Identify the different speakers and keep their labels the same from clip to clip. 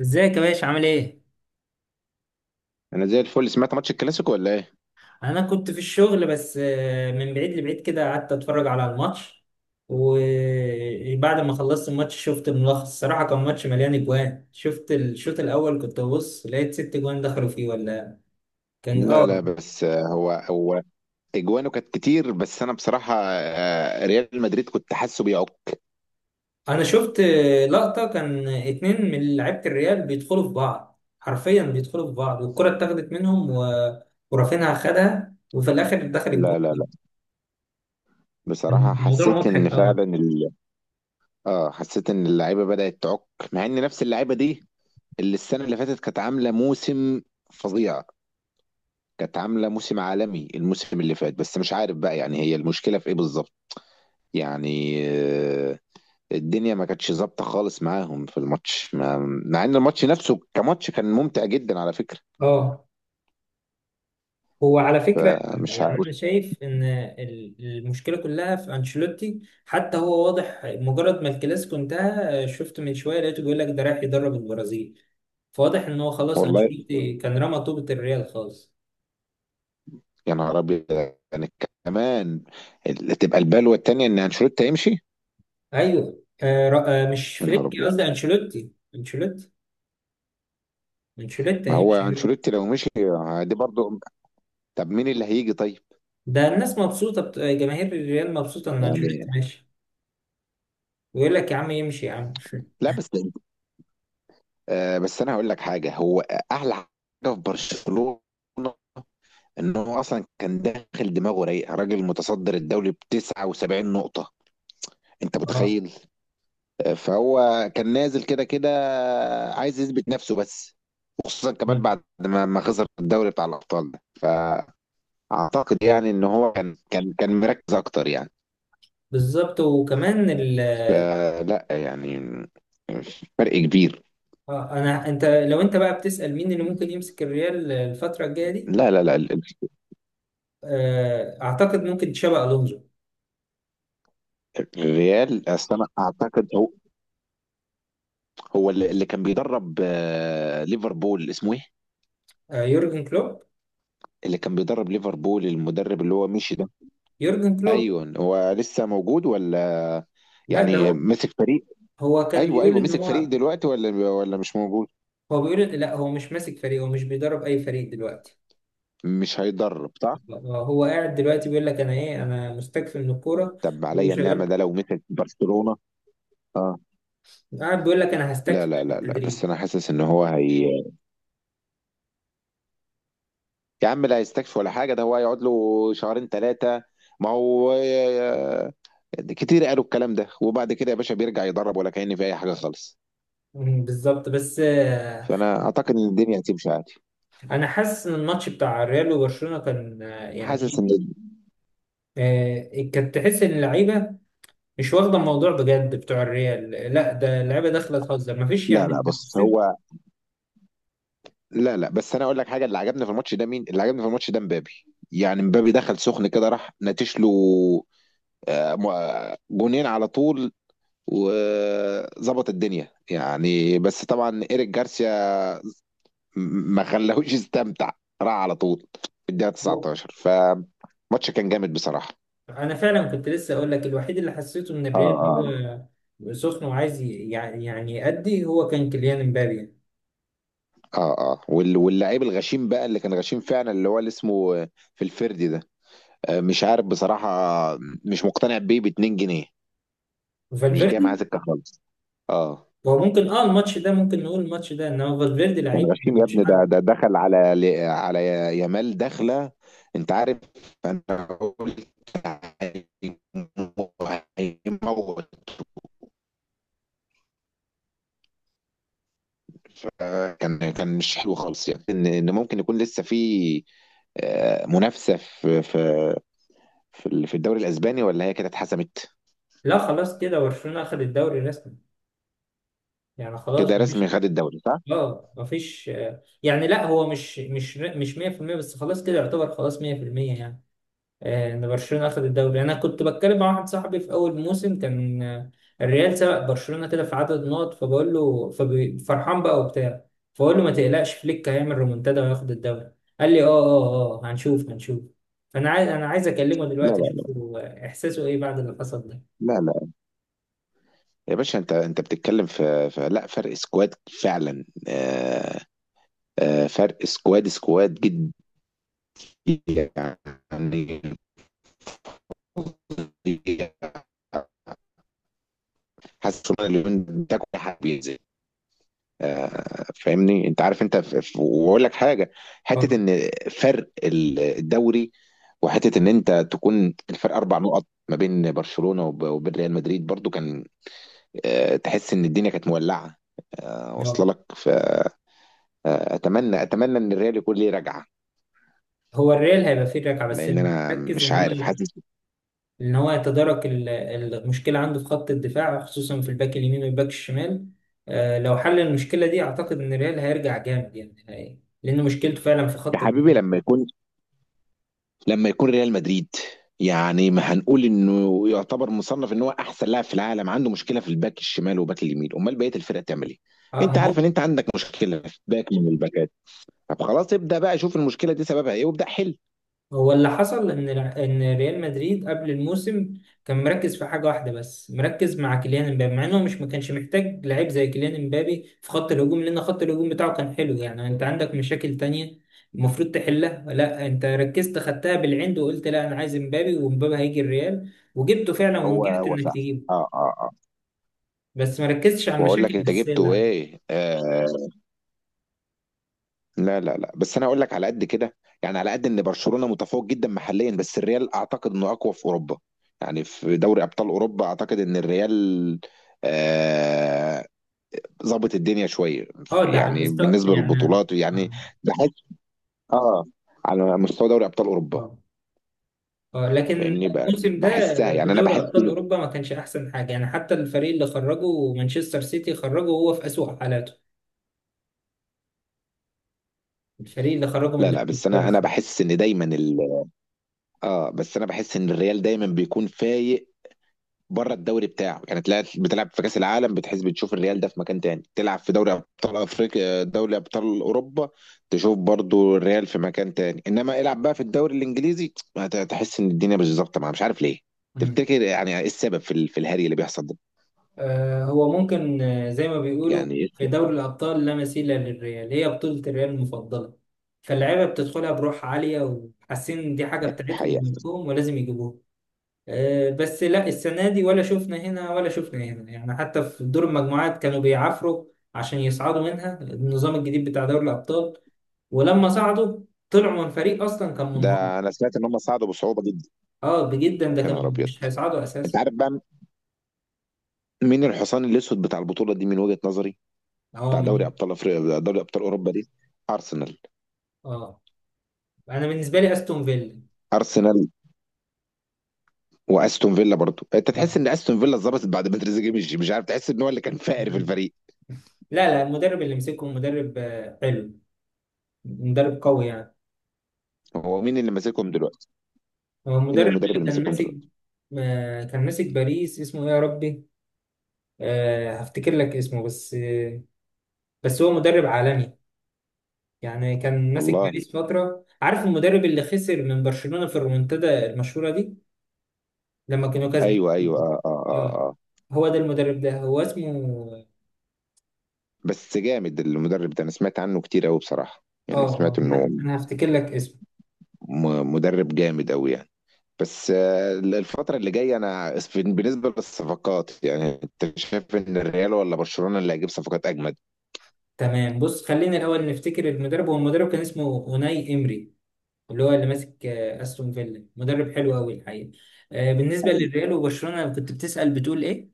Speaker 1: ازيك يا باشا عامل ايه؟
Speaker 2: انا زي الفل سمعت ماتش الكلاسيكو ولا ايه؟
Speaker 1: انا كنت في الشغل بس من بعيد لبعيد كده قعدت اتفرج على الماتش. وبعد ما خلصت الماتش شفت الملخص الصراحة كان ماتش مليان اجوان. شفت الشوط الاول كنت ببص لقيت ست اجوان دخلوا فيه ولا كان
Speaker 2: لا لا،
Speaker 1: اه.
Speaker 2: بس هو اجوانه كانت كتير. بس انا بصراحه ريال مدريد كنت حاسه بيعك.
Speaker 1: انا شفت لقطة كان اتنين من لعيبة الريال بيدخلوا في بعض حرفيا بيدخلوا في بعض والكرة اتاخدت منهم ورافينها خدها وفي الاخر دخل
Speaker 2: لا
Speaker 1: الجون.
Speaker 2: لا لا، بصراحه
Speaker 1: الموضوع
Speaker 2: حسيت
Speaker 1: مضحك
Speaker 2: ان
Speaker 1: قوي.
Speaker 2: فعلا اه، حسيت ان اللعيبه بدات تعك. مع ان نفس اللعيبه دي اللي السنه اللي فاتت كانت عامله موسم فظيع، كانت عامله موسم عالمي الموسم اللي فات. بس مش عارف بقى، يعني هي المشكله في ايه بالظبط؟ يعني الدنيا ما كانتش ظابطه خالص معاهم في الماتش ما... مع ان الماتش نفسه كماتش كان ممتع جدا على فكره.
Speaker 1: اه هو على فكرة.
Speaker 2: فمش
Speaker 1: يعني
Speaker 2: عارف.
Speaker 1: أنا شايف إن المشكلة كلها في أنشيلوتي. حتى هو واضح مجرد ما الكلاسيكو انتهى، شفت من شوية لقيته بيقول لك ده رايح يدرب البرازيل. فواضح إن هو خلاص
Speaker 2: والله
Speaker 1: أنشيلوتي كان رمى طوبة الريال خالص.
Speaker 2: يا نهار ابيض. يعني كمان تبقى البلوه التانيه ان انشيلوتي هيمشي.
Speaker 1: أيوه مش
Speaker 2: يا نهار
Speaker 1: فليك
Speaker 2: ابيض،
Speaker 1: قصدي أنشيلوتي. أنشيلوتي
Speaker 2: ما هو
Speaker 1: هيمشي.
Speaker 2: انشيلوتي لو مشي دي برضو، طب مين اللي هيجي طيب؟
Speaker 1: ده الناس مبسوطة بت... آه، جماهير الريال مبسوطة إن أنشيلوتي
Speaker 2: يعني
Speaker 1: ماشي. ويقول لك يا عم يمشي يا عم.
Speaker 2: لا، بس آه، بس انا هقول لك حاجه. هو احلى حاجه في برشلونه انه اصلا كان داخل دماغه رايق، راجل متصدر الدوري ب 79 نقطه، انت
Speaker 1: اه
Speaker 2: متخيل. فهو كان نازل كده كده عايز يثبت نفسه بس، وخصوصا كمان بعد ما خسر الدوري بتاع الابطال ده. فاعتقد يعني ان هو كان مركز اكتر يعني.
Speaker 1: بالظبط وكمان.
Speaker 2: فلا يعني فرق كبير.
Speaker 1: اه انت لو انت بقى بتسأل مين اللي ممكن يمسك الريال الفترة الجاية دي،
Speaker 2: لا لا لا،
Speaker 1: اعتقد ممكن تشابي الونزو.
Speaker 2: الريال اصل انا اعتقد هو هو اللي كان بيدرب ليفربول، اسمه ايه؟
Speaker 1: يورجن كلوب.
Speaker 2: اللي كان بيدرب ليفربول المدرب اللي هو مشي ده.
Speaker 1: يورجن كلوب.
Speaker 2: ايوه، هو لسه موجود ولا
Speaker 1: لا ده
Speaker 2: يعني
Speaker 1: هو.
Speaker 2: مسك فريق؟
Speaker 1: هو كان
Speaker 2: ايوه
Speaker 1: بيقول
Speaker 2: ايوه،
Speaker 1: ان
Speaker 2: مسك
Speaker 1: هو.
Speaker 2: فريق دلوقتي ولا مش موجود؟
Speaker 1: هو بيقول لا هو مش ماسك فريق، هو مش بيدرب اي فريق دلوقتي.
Speaker 2: مش هيدرب صح؟
Speaker 1: هو قاعد دلوقتي بيقول لك انا ايه، انا مستكفي من الكورة
Speaker 2: طب عليا النعمه،
Speaker 1: وشغال.
Speaker 2: ده لو مسك برشلونه. اه.
Speaker 1: قاعد بيقول لك انا
Speaker 2: لا
Speaker 1: هستكفي
Speaker 2: لا
Speaker 1: من
Speaker 2: لا لا،
Speaker 1: التدريب.
Speaker 2: بس انا حاسس ان هو هي، يا عم لا هيستكفي ولا حاجه، ده هو هيقعد له شهرين ثلاثه. ما هو كتير قالوا الكلام ده وبعد كده يا باشا بيرجع يدرب، ولا كأن في اي حاجه خالص.
Speaker 1: بالظبط بس
Speaker 2: فانا اعتقد ان الدنيا هتمشي عادي.
Speaker 1: انا حاسس ان الماتش بتاع الريال وبرشلونة كان،
Speaker 2: حاسس
Speaker 1: يعني
Speaker 2: ان،
Speaker 1: إيه، آه، كانت تحس ان اللعيبه مش واخده الموضوع بجد. بتوع الريال لا، ده اللعيبه داخله تهزر مفيش.
Speaker 2: لا لا
Speaker 1: يعني
Speaker 2: بص
Speaker 1: حسيت
Speaker 2: هو. لا لا، بس انا اقول لك حاجه. اللي عجبني في الماتش ده، مين اللي عجبني في الماتش ده؟ مبابي. يعني مبابي دخل سخن كده راح نتش له جونين على طول وظبط الدنيا، يعني بس طبعا ايريك جارسيا ما خلاهوش يستمتع، راح على طول في الدقيقه 19. فماتش كان جامد بصراحه.
Speaker 1: انا فعلا. كنت لسه اقول لك الوحيد اللي حسيته ان
Speaker 2: اه
Speaker 1: الريال
Speaker 2: اه
Speaker 1: هو سخن وعايز يأدي، هو كان كيليان امبابي يعني.
Speaker 2: اه اه، وال- واللعيب الغشيم بقى اللي كان غشيم فعلا، اللي هو اللي اسمه في الفردي ده. مش عارف بصراحه مش مقتنع بيه ب 2 جنيه، مش جاي معاه
Speaker 1: فالفيردي
Speaker 2: سكه خالص. اه،
Speaker 1: هو ممكن اه الماتش ده، ممكن نقول الماتش ده ان هو فالفيردي
Speaker 2: كان
Speaker 1: لعيب
Speaker 2: غشيم يا
Speaker 1: مفيش
Speaker 2: ابني. ده
Speaker 1: حل.
Speaker 2: ده دخل على على يامال دخله. انت عارف، انا قلت هيمو- هيموت. كان مش حلو خالص يعني. ان ممكن يكون لسه في منافسه في في الدوري الاسباني، ولا هي كده اتحسمت؟
Speaker 1: لا خلاص كده برشلونه اخذ الدوري رسمي. يعني خلاص
Speaker 2: كده رسمي
Speaker 1: مفيش.
Speaker 2: خد الدوري صح؟
Speaker 1: اه مفيش يعني لا هو مش 100% بس خلاص كده يعتبر خلاص 100% يعني. ان برشلونه اخذ الدوري، انا كنت بتكلم مع واحد صاحبي في اول موسم كان الريال سبق برشلونه كده في عدد نقط، فبقول له ففرحان بقى وبتاع. فبقول له ما تقلقش فليك هيعمل ريمونتادا وياخد الدوري. قال لي اه اه اه، هنشوف هنشوف. فانا عايز اكلمه
Speaker 2: لا
Speaker 1: دلوقتي
Speaker 2: لا لا
Speaker 1: اشوف هو احساسه ايه بعد اللي حصل ده.
Speaker 2: لا لا. يا باشا انت انت بتتكلم في لا فرق سكواد، فعلا فرق سكواد سكواد جدا يعني. حاسس ان اليومين ده كل حاجه بينزل. فاهمني؟ انت عارف، انت واقول لك حاجه، حته
Speaker 1: اه
Speaker 2: ان فرق الدوري، وحته ان انت تكون الفرق اربع نقط ما بين برشلونه وبين ريال مدريد برضو، كان تحس ان الدنيا كانت مولعه، واصله
Speaker 1: اه.
Speaker 2: لك. فاتمنى أتمنى ان الريال يكون ليه رجعه.
Speaker 1: هو الريال هيبقى فيه ركعه بس
Speaker 2: لان انا
Speaker 1: ركز
Speaker 2: مش
Speaker 1: ان هو،
Speaker 2: عارف، حاسس.
Speaker 1: ان هو يتدارك المشكله عنده في خط الدفاع خصوصا في الباك اليمين والباك الشمال. لو حل المشكله دي اعتقد ان ريال هيرجع جامد يعني لان مشكلته فعلا في
Speaker 2: يا
Speaker 1: خط
Speaker 2: حبيبي
Speaker 1: الدفاع.
Speaker 2: لما يكون، ريال مدريد يعني، ما هنقول انه يعتبر مصنف ان هو احسن لاعب في العالم، عنده مشكله في الباك الشمال وباك اليمين، امال بقيه الفرقه تعمل ايه؟
Speaker 1: اه ما
Speaker 2: انت
Speaker 1: هو.
Speaker 2: عارف ان انت عندك مشكله في باك من الباكات، طب خلاص ابدا بقى شوف المشكله دي سببها ايه وابدا حل.
Speaker 1: هو اللي حصل ان ان ريال مدريد قبل الموسم كان مركز في حاجه واحده بس، مركز مع كيليان امبابي، مع انه مش ما كانش محتاج لعيب زي كيليان امبابي في خط الهجوم، لان خط الهجوم بتاعه كان حلو. يعني انت عندك مشاكل تانية المفروض تحلها، لا انت ركزت خدتها بالعند وقلت لا انا عايز امبابي وامبابي هيجي الريال، وجبته فعلا
Speaker 2: هو
Speaker 1: ونجحت
Speaker 2: هو
Speaker 1: انك
Speaker 2: فعلا.
Speaker 1: تجيبه
Speaker 2: اه اه اه.
Speaker 1: بس ما ركزتش على
Speaker 2: واقول
Speaker 1: المشاكل
Speaker 2: لك انت
Speaker 1: الاساسيه اللي
Speaker 2: جبته
Speaker 1: عندك.
Speaker 2: ايه آه. لا لا لا، بس انا هقول لك على قد كده يعني. على قد ان برشلونه متفوق جدا محليا، بس الريال اعتقد انه اقوى في اوروبا. يعني في دوري ابطال اوروبا اعتقد ان الريال آه، ظبط الدنيا شويه
Speaker 1: اه ده على
Speaker 2: يعني،
Speaker 1: المستوى
Speaker 2: بالنسبه
Speaker 1: يعني.
Speaker 2: للبطولات يعني.
Speaker 1: آه.
Speaker 2: بحس اه، على مستوى دوري ابطال اوروبا،
Speaker 1: آه. اه لكن
Speaker 2: فاهمني.
Speaker 1: الموسم ده
Speaker 2: بحسها
Speaker 1: في
Speaker 2: يعني، انا
Speaker 1: دوري
Speaker 2: بحس
Speaker 1: ابطال اوروبا ما كانش احسن حاجه. يعني حتى الفريق اللي خرجه مانشستر سيتي، خرجه هو في اسوأ حالاته الفريق اللي خرجه من
Speaker 2: لا
Speaker 1: دوري
Speaker 2: لا، بس انا
Speaker 1: الابطال.
Speaker 2: انا بحس ان دايما ال... اه بس انا بحس ان الريال دايما بيكون فايق بره الدوري بتاعه. يعني تلاقي بتلعب في كاس العالم بتحس، بتشوف الريال ده في مكان تاني، تلعب في دوري ابطال افريقيا، دوري ابطال اوروبا، تشوف برضو الريال في مكان تاني. انما العب بقى في الدوري الانجليزي هتحس ان الدنيا مش ظابطه معاه، مش عارف ليه.
Speaker 1: مم.
Speaker 2: تفتكر يعني ايه السبب في الهري اللي بيحصل ده؟
Speaker 1: آه هو ممكن زي ما بيقولوا
Speaker 2: يعني ايه
Speaker 1: في
Speaker 2: السبب؟
Speaker 1: دوري الابطال لا مثيل للريال، هي بطوله الريال المفضله، فاللعيبه بتدخلها بروح عاليه وحاسين دي حاجه بتاعتهم
Speaker 2: الحقيقه.
Speaker 1: وملكهم ولازم يجيبوها. بس لا السنة دي ولا شفنا هنا ولا شفنا هنا. يعني حتى في دور المجموعات كانوا بيعافروا عشان يصعدوا منها النظام الجديد بتاع دوري الأبطال. ولما صعدوا طلعوا من فريق أصلا كان منهار.
Speaker 2: ده انا سمعت ان هم صعدوا بصعوبه جدا.
Speaker 1: اه بجدا، ده
Speaker 2: يا
Speaker 1: كانوا
Speaker 2: نهار ابيض.
Speaker 1: مش هيصعدوا
Speaker 2: انت
Speaker 1: أساسا.
Speaker 2: عارف بقى مين الحصان الاسود بتاع البطوله دي من وجهه نظري،
Speaker 1: اه
Speaker 2: بتاع دوري
Speaker 1: مين.
Speaker 2: ابطال افريقيا، دوري ابطال اوروبا دي؟ ارسنال.
Speaker 1: اه أنا بالنسبة لي أستون فيلا.
Speaker 2: ارسنال واستون فيلا. برضو انت تحس ان
Speaker 1: آه.
Speaker 2: استون فيلا اتظبطت بعد ما تريزيجيه مشي، مش عارف، تحس ان هو اللي كان فاقر في
Speaker 1: مم.
Speaker 2: الفريق.
Speaker 1: لا لا المدرب اللي مسكه مدرب حلو. مدرب قوي يعني.
Speaker 2: هو مين اللي ماسكهم دلوقتي؟
Speaker 1: هو
Speaker 2: مين
Speaker 1: المدرب
Speaker 2: المدرب
Speaker 1: اللي
Speaker 2: اللي
Speaker 1: كان
Speaker 2: ماسكهم
Speaker 1: ماسك،
Speaker 2: دلوقتي؟
Speaker 1: كان ماسك باريس اسمه ايه يا ربي. هفتكر لك اسمه بس بس هو مدرب عالمي يعني. كان ماسك
Speaker 2: والله.
Speaker 1: باريس فترة، عارف المدرب اللي خسر من برشلونة في الريمونتادا المشهورة دي لما كانوا كاسبين.
Speaker 2: ايوه ايوه، اه اه
Speaker 1: آه،
Speaker 2: اه، آه.
Speaker 1: هو ده المدرب، ده هو اسمه.
Speaker 2: بس جامد المدرب ده، انا سمعت عنه كتير قوي بصراحه،
Speaker 1: اه
Speaker 2: يعني سمعت
Speaker 1: اه
Speaker 2: انه
Speaker 1: أنا هفتكر لك اسمه.
Speaker 2: مدرب جامد قوي يعني. بس الفترة اللي جاية أنا بالنسبة للصفقات يعني، أنت شايف إن الريال ولا برشلونة اللي هيجيب صفقات أجمد؟
Speaker 1: تمام بص خلينا الأول نفتكر المدرب. هو المدرب كان اسمه أوناي إمري، اللي هو اللي ماسك أستون فيلا، مدرب حلو أوي الحقيقة. بالنسبة للريال وبرشلونة، كنت بتسأل بتقول إيه؟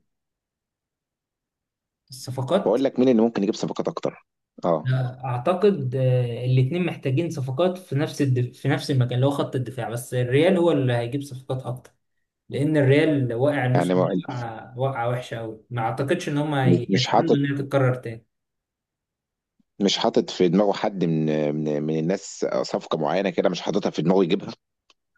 Speaker 1: الصفقات.
Speaker 2: بقول لك مين اللي ممكن يجيب صفقات أكتر؟ أه.
Speaker 1: اعتقد الاثنين محتاجين صفقات في نفس في نفس المكان اللي هو خط الدفاع، بس الريال هو اللي هيجيب صفقات اكتر لان الريال واقع الموسم
Speaker 2: يعني
Speaker 1: ده وقعه، وقعة وحشه قوي ما اعتقدش ان هم
Speaker 2: مش
Speaker 1: يتمنوا
Speaker 2: حاطط
Speaker 1: انها تتكرر تاني.
Speaker 2: مش حاطط في دماغه حد من الناس صفقة معينة كده، مش حاططها في دماغه يجيبها؟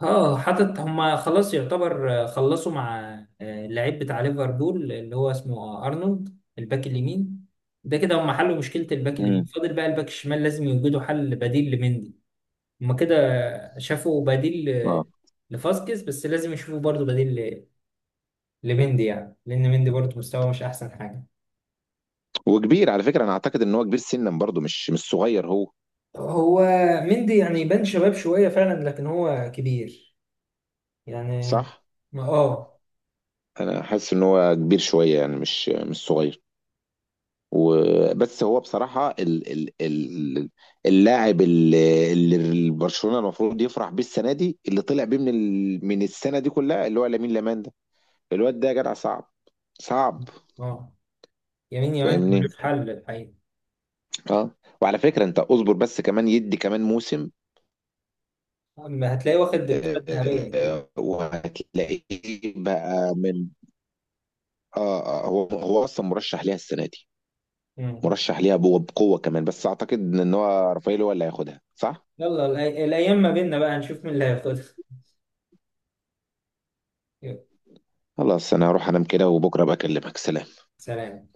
Speaker 1: اه حاطط، هم خلاص يعتبر خلصوا مع اللعيب بتاع ليفربول اللي هو اسمه ارنولد الباك اليمين. ده كده هم حلوا مشكله الباك اليمين،
Speaker 2: امم.
Speaker 1: فاضل بقى الباك الشمال لازم يوجدوا حل بديل لمندي. هما كده شافوا بديل
Speaker 2: اه،
Speaker 1: لفاسكيز، بس لازم يشوفوا برضو بديل لمندي، يعني لأن مندي برضو مستواه مش أحسن حاجة.
Speaker 2: وكبير على فكرة. انا اعتقد ان هو كبير سنا برضه، مش صغير هو.
Speaker 1: هو مندي يعني يبان شباب شوية فعلا لكن هو كبير يعني.
Speaker 2: صح،
Speaker 1: ما اه
Speaker 2: انا حاسس ان هو كبير شوية يعني، مش صغير. وبس هو بصراحة ال ال ال اللاعب اللي برشلونة المفروض يفرح بيه السنة دي، اللي طلع بيه من من السنة دي كلها، اللي هو لامين لامان ده، الواد ده يا جدع صعب صعب،
Speaker 1: اه. يمين يمين
Speaker 2: فاهمني.
Speaker 1: ملوش حل الحقيقة.
Speaker 2: اه. وعلى فكرة انت اصبر بس، كمان يدي كمان موسم.
Speaker 1: أما هتلاقيه واخد الكرة الذهبية أكيد.
Speaker 2: وهتلاقيه بقى من آه، هو أصلًا مُرشّح ليها السنة دي،
Speaker 1: مم.
Speaker 2: مُرشّح ليها بقوة كمان، بس أعتقد إن هو رافائيل هو اللي هياخدها، صح؟
Speaker 1: يلا الأيام ما بيننا بقى نشوف مين اللي هياخدها. يلا،
Speaker 2: خلاص أنا هاروح أنام كده وبُكرة أبقى أكلمك، سلام.
Speaker 1: سلام.